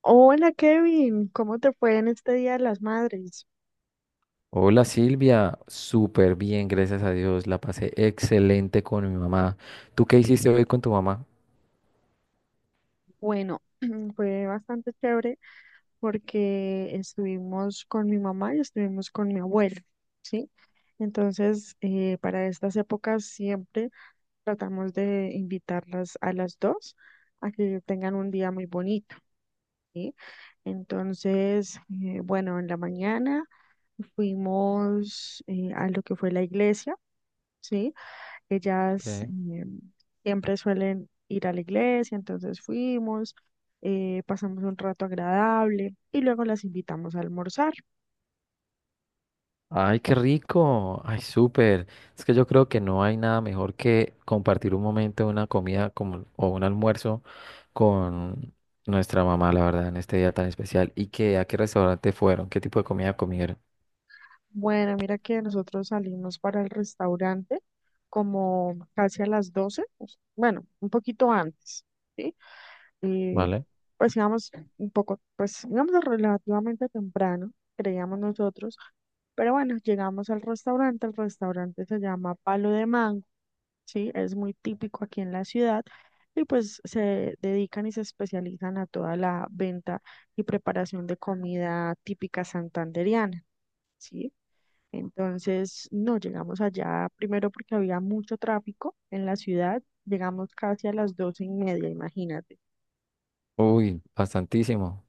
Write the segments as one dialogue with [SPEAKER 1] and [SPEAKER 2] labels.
[SPEAKER 1] Hola Kevin, ¿cómo te fue en este Día de las Madres?
[SPEAKER 2] Hola Silvia, súper bien, gracias a Dios. La pasé excelente con mi mamá. ¿Tú qué hiciste hoy con tu mamá?
[SPEAKER 1] Bueno, fue bastante chévere porque estuvimos con mi mamá y estuvimos con mi abuelo, ¿sí? Entonces, para estas épocas siempre tratamos de invitarlas a las dos a que tengan un día muy bonito, ¿sí? Entonces, bueno, en la mañana fuimos a lo que fue la iglesia. ¿Sí? Ellas
[SPEAKER 2] ¿Qué?
[SPEAKER 1] siempre suelen ir a la iglesia, entonces fuimos, pasamos un rato agradable y luego las invitamos a almorzar.
[SPEAKER 2] Ay, qué rico. Ay, súper. Es que yo creo que no hay nada mejor que compartir un momento, una comida como, o un almuerzo con nuestra mamá, la verdad, en este día tan especial. ¿Y qué, a qué restaurante fueron? ¿Qué tipo de comida comieron?
[SPEAKER 1] Bueno, mira que nosotros salimos para el restaurante como casi a las 12:00, pues bueno, un poquito antes, ¿sí? Eh,
[SPEAKER 2] ¿Vale?
[SPEAKER 1] pues íbamos pues íbamos relativamente temprano, creíamos nosotros, pero bueno, llegamos al restaurante. El restaurante se llama Palo de Mango. Sí, es muy típico aquí en la ciudad y pues se dedican y se especializan a toda la venta y preparación de comida típica santandereana, ¿sí? Entonces, no, llegamos allá primero porque había mucho tráfico en la ciudad, llegamos casi a las 12:30, imagínate.
[SPEAKER 2] Uy, bastantísimo.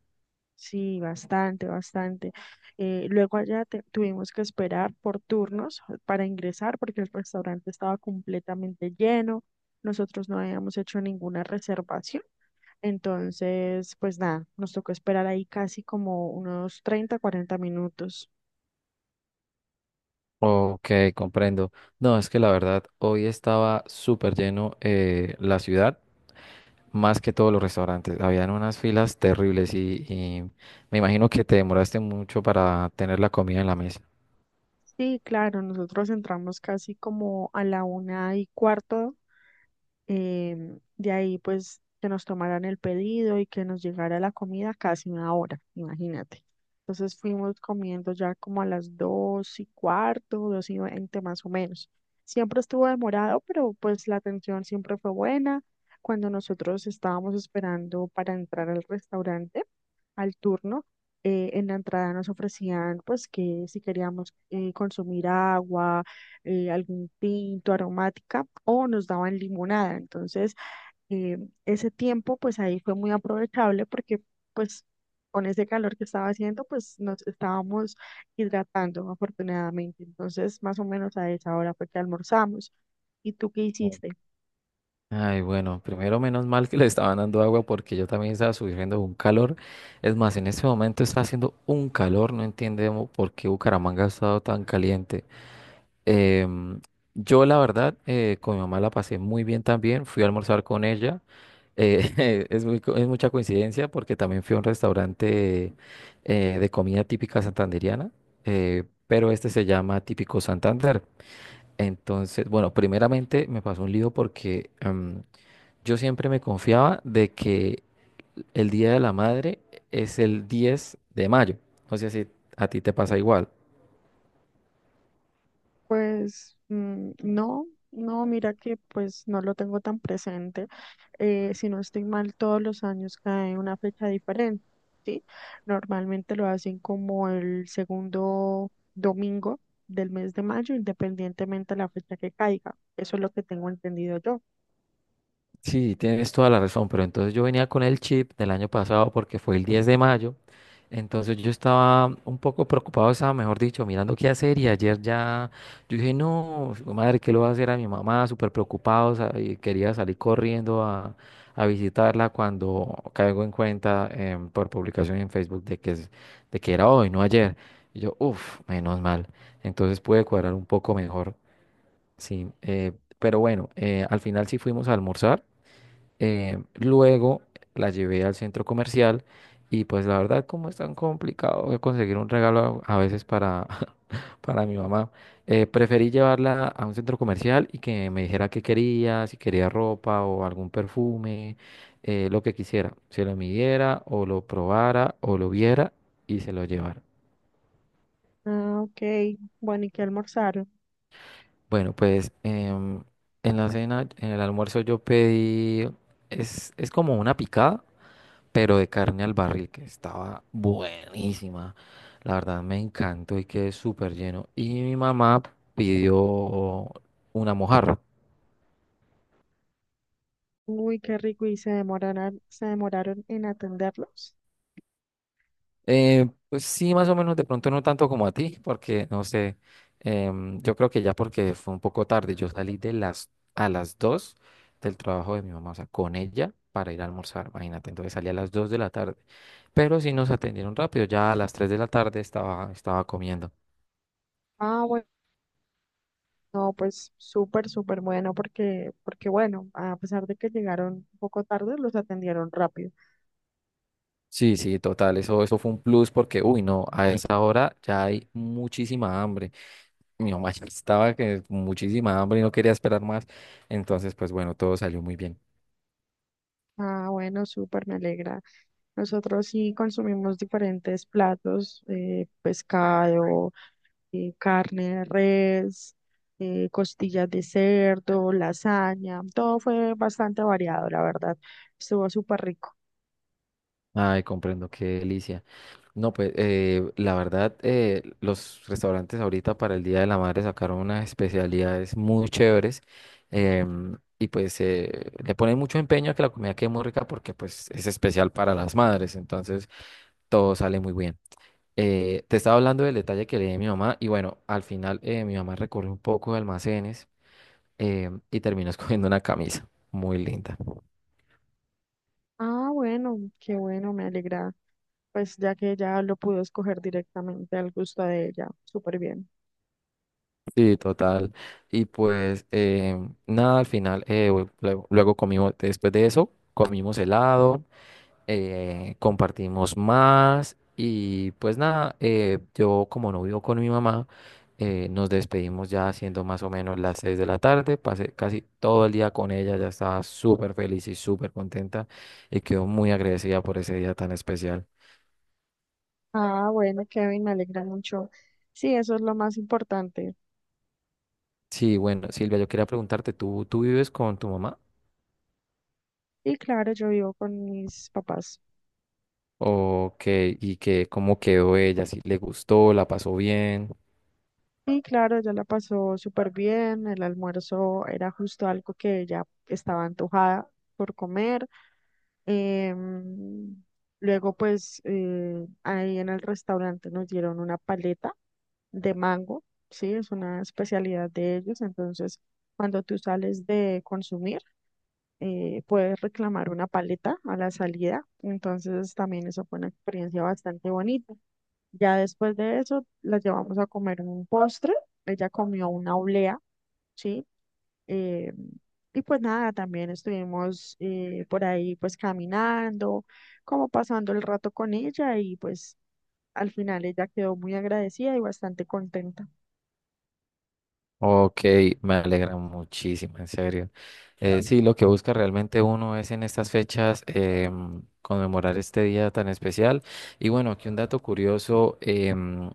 [SPEAKER 1] Sí, bastante, bastante. Luego allá tuvimos que esperar por turnos para ingresar porque el restaurante estaba completamente lleno. Nosotros no habíamos hecho ninguna reservación. Entonces, pues nada, nos tocó esperar ahí casi como unos 30-40 minutos.
[SPEAKER 2] Ok, comprendo. No, es que la verdad, hoy estaba súper lleno, la ciudad, más que todos los restaurantes. Habían unas filas terribles y me imagino que te demoraste mucho para tener la comida en la mesa.
[SPEAKER 1] Sí, claro, nosotros entramos casi como a la 1:15. De ahí, pues, que nos tomaran el pedido y que nos llegara la comida casi una hora, imagínate. Entonces fuimos comiendo ya como a las 2:15, 2:20, más o menos. Siempre estuvo demorado, pero pues la atención siempre fue buena. Cuando nosotros estábamos esperando para entrar al restaurante, al turno, en la entrada nos ofrecían pues que si queríamos consumir agua, algún tinto, aromática o nos daban limonada. Entonces, eh, ese tiempo pues ahí fue muy aprovechable porque pues con ese calor que estaba haciendo pues nos estábamos hidratando afortunadamente. Entonces, más o menos a esa hora fue que almorzamos. ¿Y tú qué
[SPEAKER 2] Mm.
[SPEAKER 1] hiciste?
[SPEAKER 2] Ay, bueno, primero menos mal que le estaban dando agua porque yo también estaba sufriendo un calor. Es más, en este momento está haciendo un calor, no entiendo por qué Bucaramanga ha estado tan caliente. Em, yo la verdad, con mi mamá la pasé muy bien también, fui a almorzar con ella. Es mucha coincidencia porque también fui a un restaurante de comida típica santandereana, pero este se llama Típico Santander. Entonces, bueno, primeramente me pasó un lío porque yo siempre me confiaba de que el Día de la Madre es el 10 de mayo. No sé si a ti te pasa igual.
[SPEAKER 1] Pues mm, no, no, mira que pues no lo tengo tan presente. Si no estoy mal, todos los años cae una fecha diferente, ¿sí? Normalmente lo hacen como el segundo domingo del mes de mayo, independientemente de la fecha que caiga. Eso es lo que tengo entendido yo.
[SPEAKER 2] Sí, tienes toda la razón, pero entonces yo venía con el chip del año pasado porque fue el 10 de mayo, entonces yo estaba un poco preocupado, estaba, mejor dicho, mirando qué hacer y ayer ya, yo dije, no, su madre, ¿qué le voy a hacer a mi mamá? Súper preocupado, y quería salir corriendo a visitarla cuando caigo en cuenta por publicación en Facebook de que, de que era hoy, no ayer. Y yo, uff, menos mal, entonces pude cuadrar un poco mejor, sí, pero bueno, al final sí fuimos a almorzar. Luego la llevé al centro comercial y pues la verdad como es tan complicado conseguir un regalo a veces para, para mi mamá, preferí llevarla a un centro comercial y que me dijera qué quería, si quería ropa o algún perfume, lo que quisiera, se lo midiera o lo probara o lo viera y se lo llevara.
[SPEAKER 1] Ah, ok. Bueno, ¿y qué almorzaron?
[SPEAKER 2] Bueno, pues en la cena, en el almuerzo yo pedí, es como una picada, pero de carne al barril, que estaba buenísima. La verdad me encantó y quedé súper lleno. Y mi mamá pidió una mojarra.
[SPEAKER 1] Uy, qué rico. ¿Y se demoraron en atenderlos?
[SPEAKER 2] Pues sí, más o menos, de pronto no tanto como a ti, porque no sé, yo creo que ya porque fue un poco tarde, yo salí de las, a las 2 del trabajo de mi mamá, o sea, con ella para ir a almorzar, imagínate, entonces salí a las 2 de la tarde, pero sí nos atendieron rápido, ya a las 3 de la tarde estaba comiendo.
[SPEAKER 1] Ah. No, pues súper, súper bueno porque, porque bueno, a pesar de que llegaron un poco tarde, los atendieron rápido.
[SPEAKER 2] Sí, sí, total, eso fue un plus porque, uy, no, a esa hora ya hay muchísima hambre. Mi mamá ya estaba que muchísima hambre y no quería esperar más. Entonces, pues bueno, todo salió muy bien.
[SPEAKER 1] Ah, bueno, súper, me alegra. Nosotros sí consumimos diferentes platos, pescado, carne de res, costillas de cerdo, lasaña, todo fue bastante variado, la verdad. Estuvo súper rico.
[SPEAKER 2] Ay, comprendo, qué delicia. No, pues la verdad, los restaurantes ahorita para el Día de la Madre sacaron unas especialidades muy chéveres y pues le ponen mucho empeño a que la comida quede muy rica porque pues es especial para las madres, entonces todo sale muy bien. Te estaba hablando del detalle que le di a mi mamá y bueno, al final mi mamá recorrió un poco de almacenes y terminó escogiendo una camisa muy linda.
[SPEAKER 1] Ah, bueno, qué bueno, me alegra. Pues ya que ya lo pudo escoger directamente al gusto de ella, súper bien.
[SPEAKER 2] Sí, total. Y pues nada, al final, luego comimos, después de eso, comimos helado. Compartimos más y pues nada, yo como no vivo con mi mamá, nos despedimos ya siendo más o menos las 6 de la tarde, pasé casi todo el día con ella, ya estaba súper feliz y súper contenta y quedó muy agradecida por ese día tan especial.
[SPEAKER 1] Ah, bueno, Kevin, me alegra mucho. Sí, eso es lo más importante.
[SPEAKER 2] Sí, bueno, Silvia, yo quería preguntarte, ¿tú vives con tu mamá?
[SPEAKER 1] Y claro, yo vivo con mis papás.
[SPEAKER 2] ¿O qué? ¿Y qué, cómo quedó ella? ¿Si le gustó? ¿La pasó bien?
[SPEAKER 1] Y claro, ella la pasó súper bien. El almuerzo era justo algo que ella estaba antojada por comer. Em, luego, pues, ahí en el restaurante nos dieron una paleta de mango, ¿sí? Es una especialidad de ellos. Entonces, cuando tú sales de consumir, puedes reclamar una paleta a la salida, entonces también eso fue una experiencia bastante bonita. Ya después de eso, la llevamos a comer un postre, ella comió una oblea, ¿sí? Eh, y pues nada, también estuvimos por ahí pues caminando, como pasando el rato con ella y pues al final ella quedó muy agradecida y bastante contenta.
[SPEAKER 2] Ok, me alegra muchísimo, en serio. Claro. Sí, lo que busca realmente uno es en estas fechas conmemorar este día tan especial. Y bueno, aquí un dato curioso.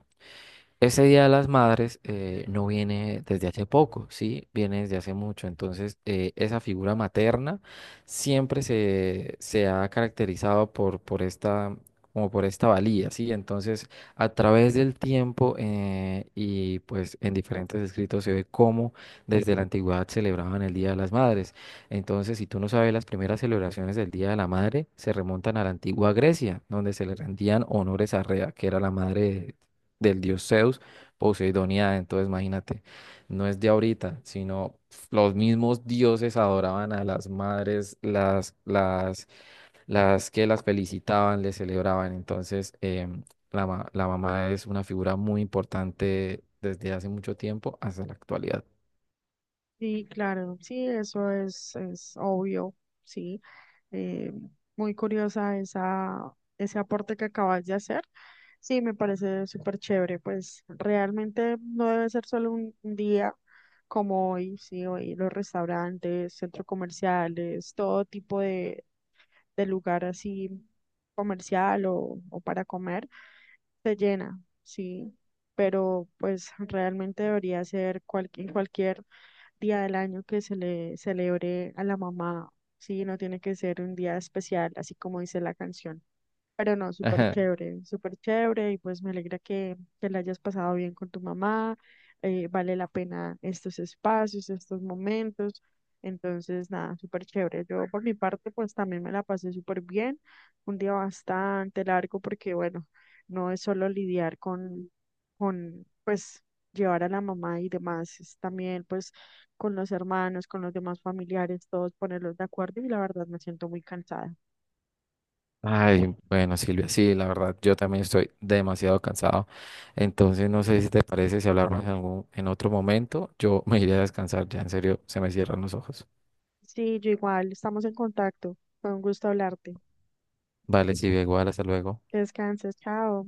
[SPEAKER 2] Ese Día de las Madres, no viene desde hace poco, sí, viene desde hace mucho. Entonces, esa figura materna siempre se ha caracterizado por esta, como por esta valía, sí. Entonces, a través del tiempo, y pues en diferentes escritos se ve cómo desde la antigüedad celebraban el Día de las Madres. Entonces, si tú no sabes, las primeras celebraciones del Día de la Madre se remontan a la antigua Grecia, donde se le rendían honores a Rea, que era la madre del dios Zeus, Poseidonía. Entonces, imagínate, no es de ahorita, sino los mismos dioses adoraban a las madres, las que las felicitaban, les celebraban. Entonces, la mamá es una figura muy importante desde hace mucho tiempo hasta la actualidad.
[SPEAKER 1] Sí, claro, sí, eso es obvio, sí. Eh, muy curiosa esa, ese aporte que acabas de hacer. Sí, me parece súper chévere, pues realmente no debe ser solo un día como hoy, sí, hoy los restaurantes, centros comerciales, todo tipo de lugar así comercial o para comer, se llena, sí, pero pues realmente debería ser en cualquier día del año que se le celebre a la mamá, sí, no tiene que ser un día especial, así como dice la canción. Pero no, súper
[SPEAKER 2] Ajá.
[SPEAKER 1] chévere, súper chévere, y pues me alegra que te la hayas pasado bien con tu mamá. Eh, vale la pena estos espacios, estos momentos. Entonces, nada, súper chévere. Yo por mi parte, pues también me la pasé súper bien. Un día bastante largo porque, bueno, no es solo lidiar con, pues, llevar a la mamá y demás, es también, pues, con los hermanos, con los demás familiares, todos ponerlos de acuerdo y la verdad me siento muy cansada.
[SPEAKER 2] Ay, bueno, Silvia, sí, la verdad, yo también estoy demasiado cansado. Entonces, no sé si te parece si hablamos en en otro momento. Yo me iré a descansar, ya en serio, se me cierran los ojos.
[SPEAKER 1] Sí, yo igual, estamos en contacto. Fue un gusto hablarte.
[SPEAKER 2] Vale, sí, igual, hasta luego.
[SPEAKER 1] Que descanses, chao.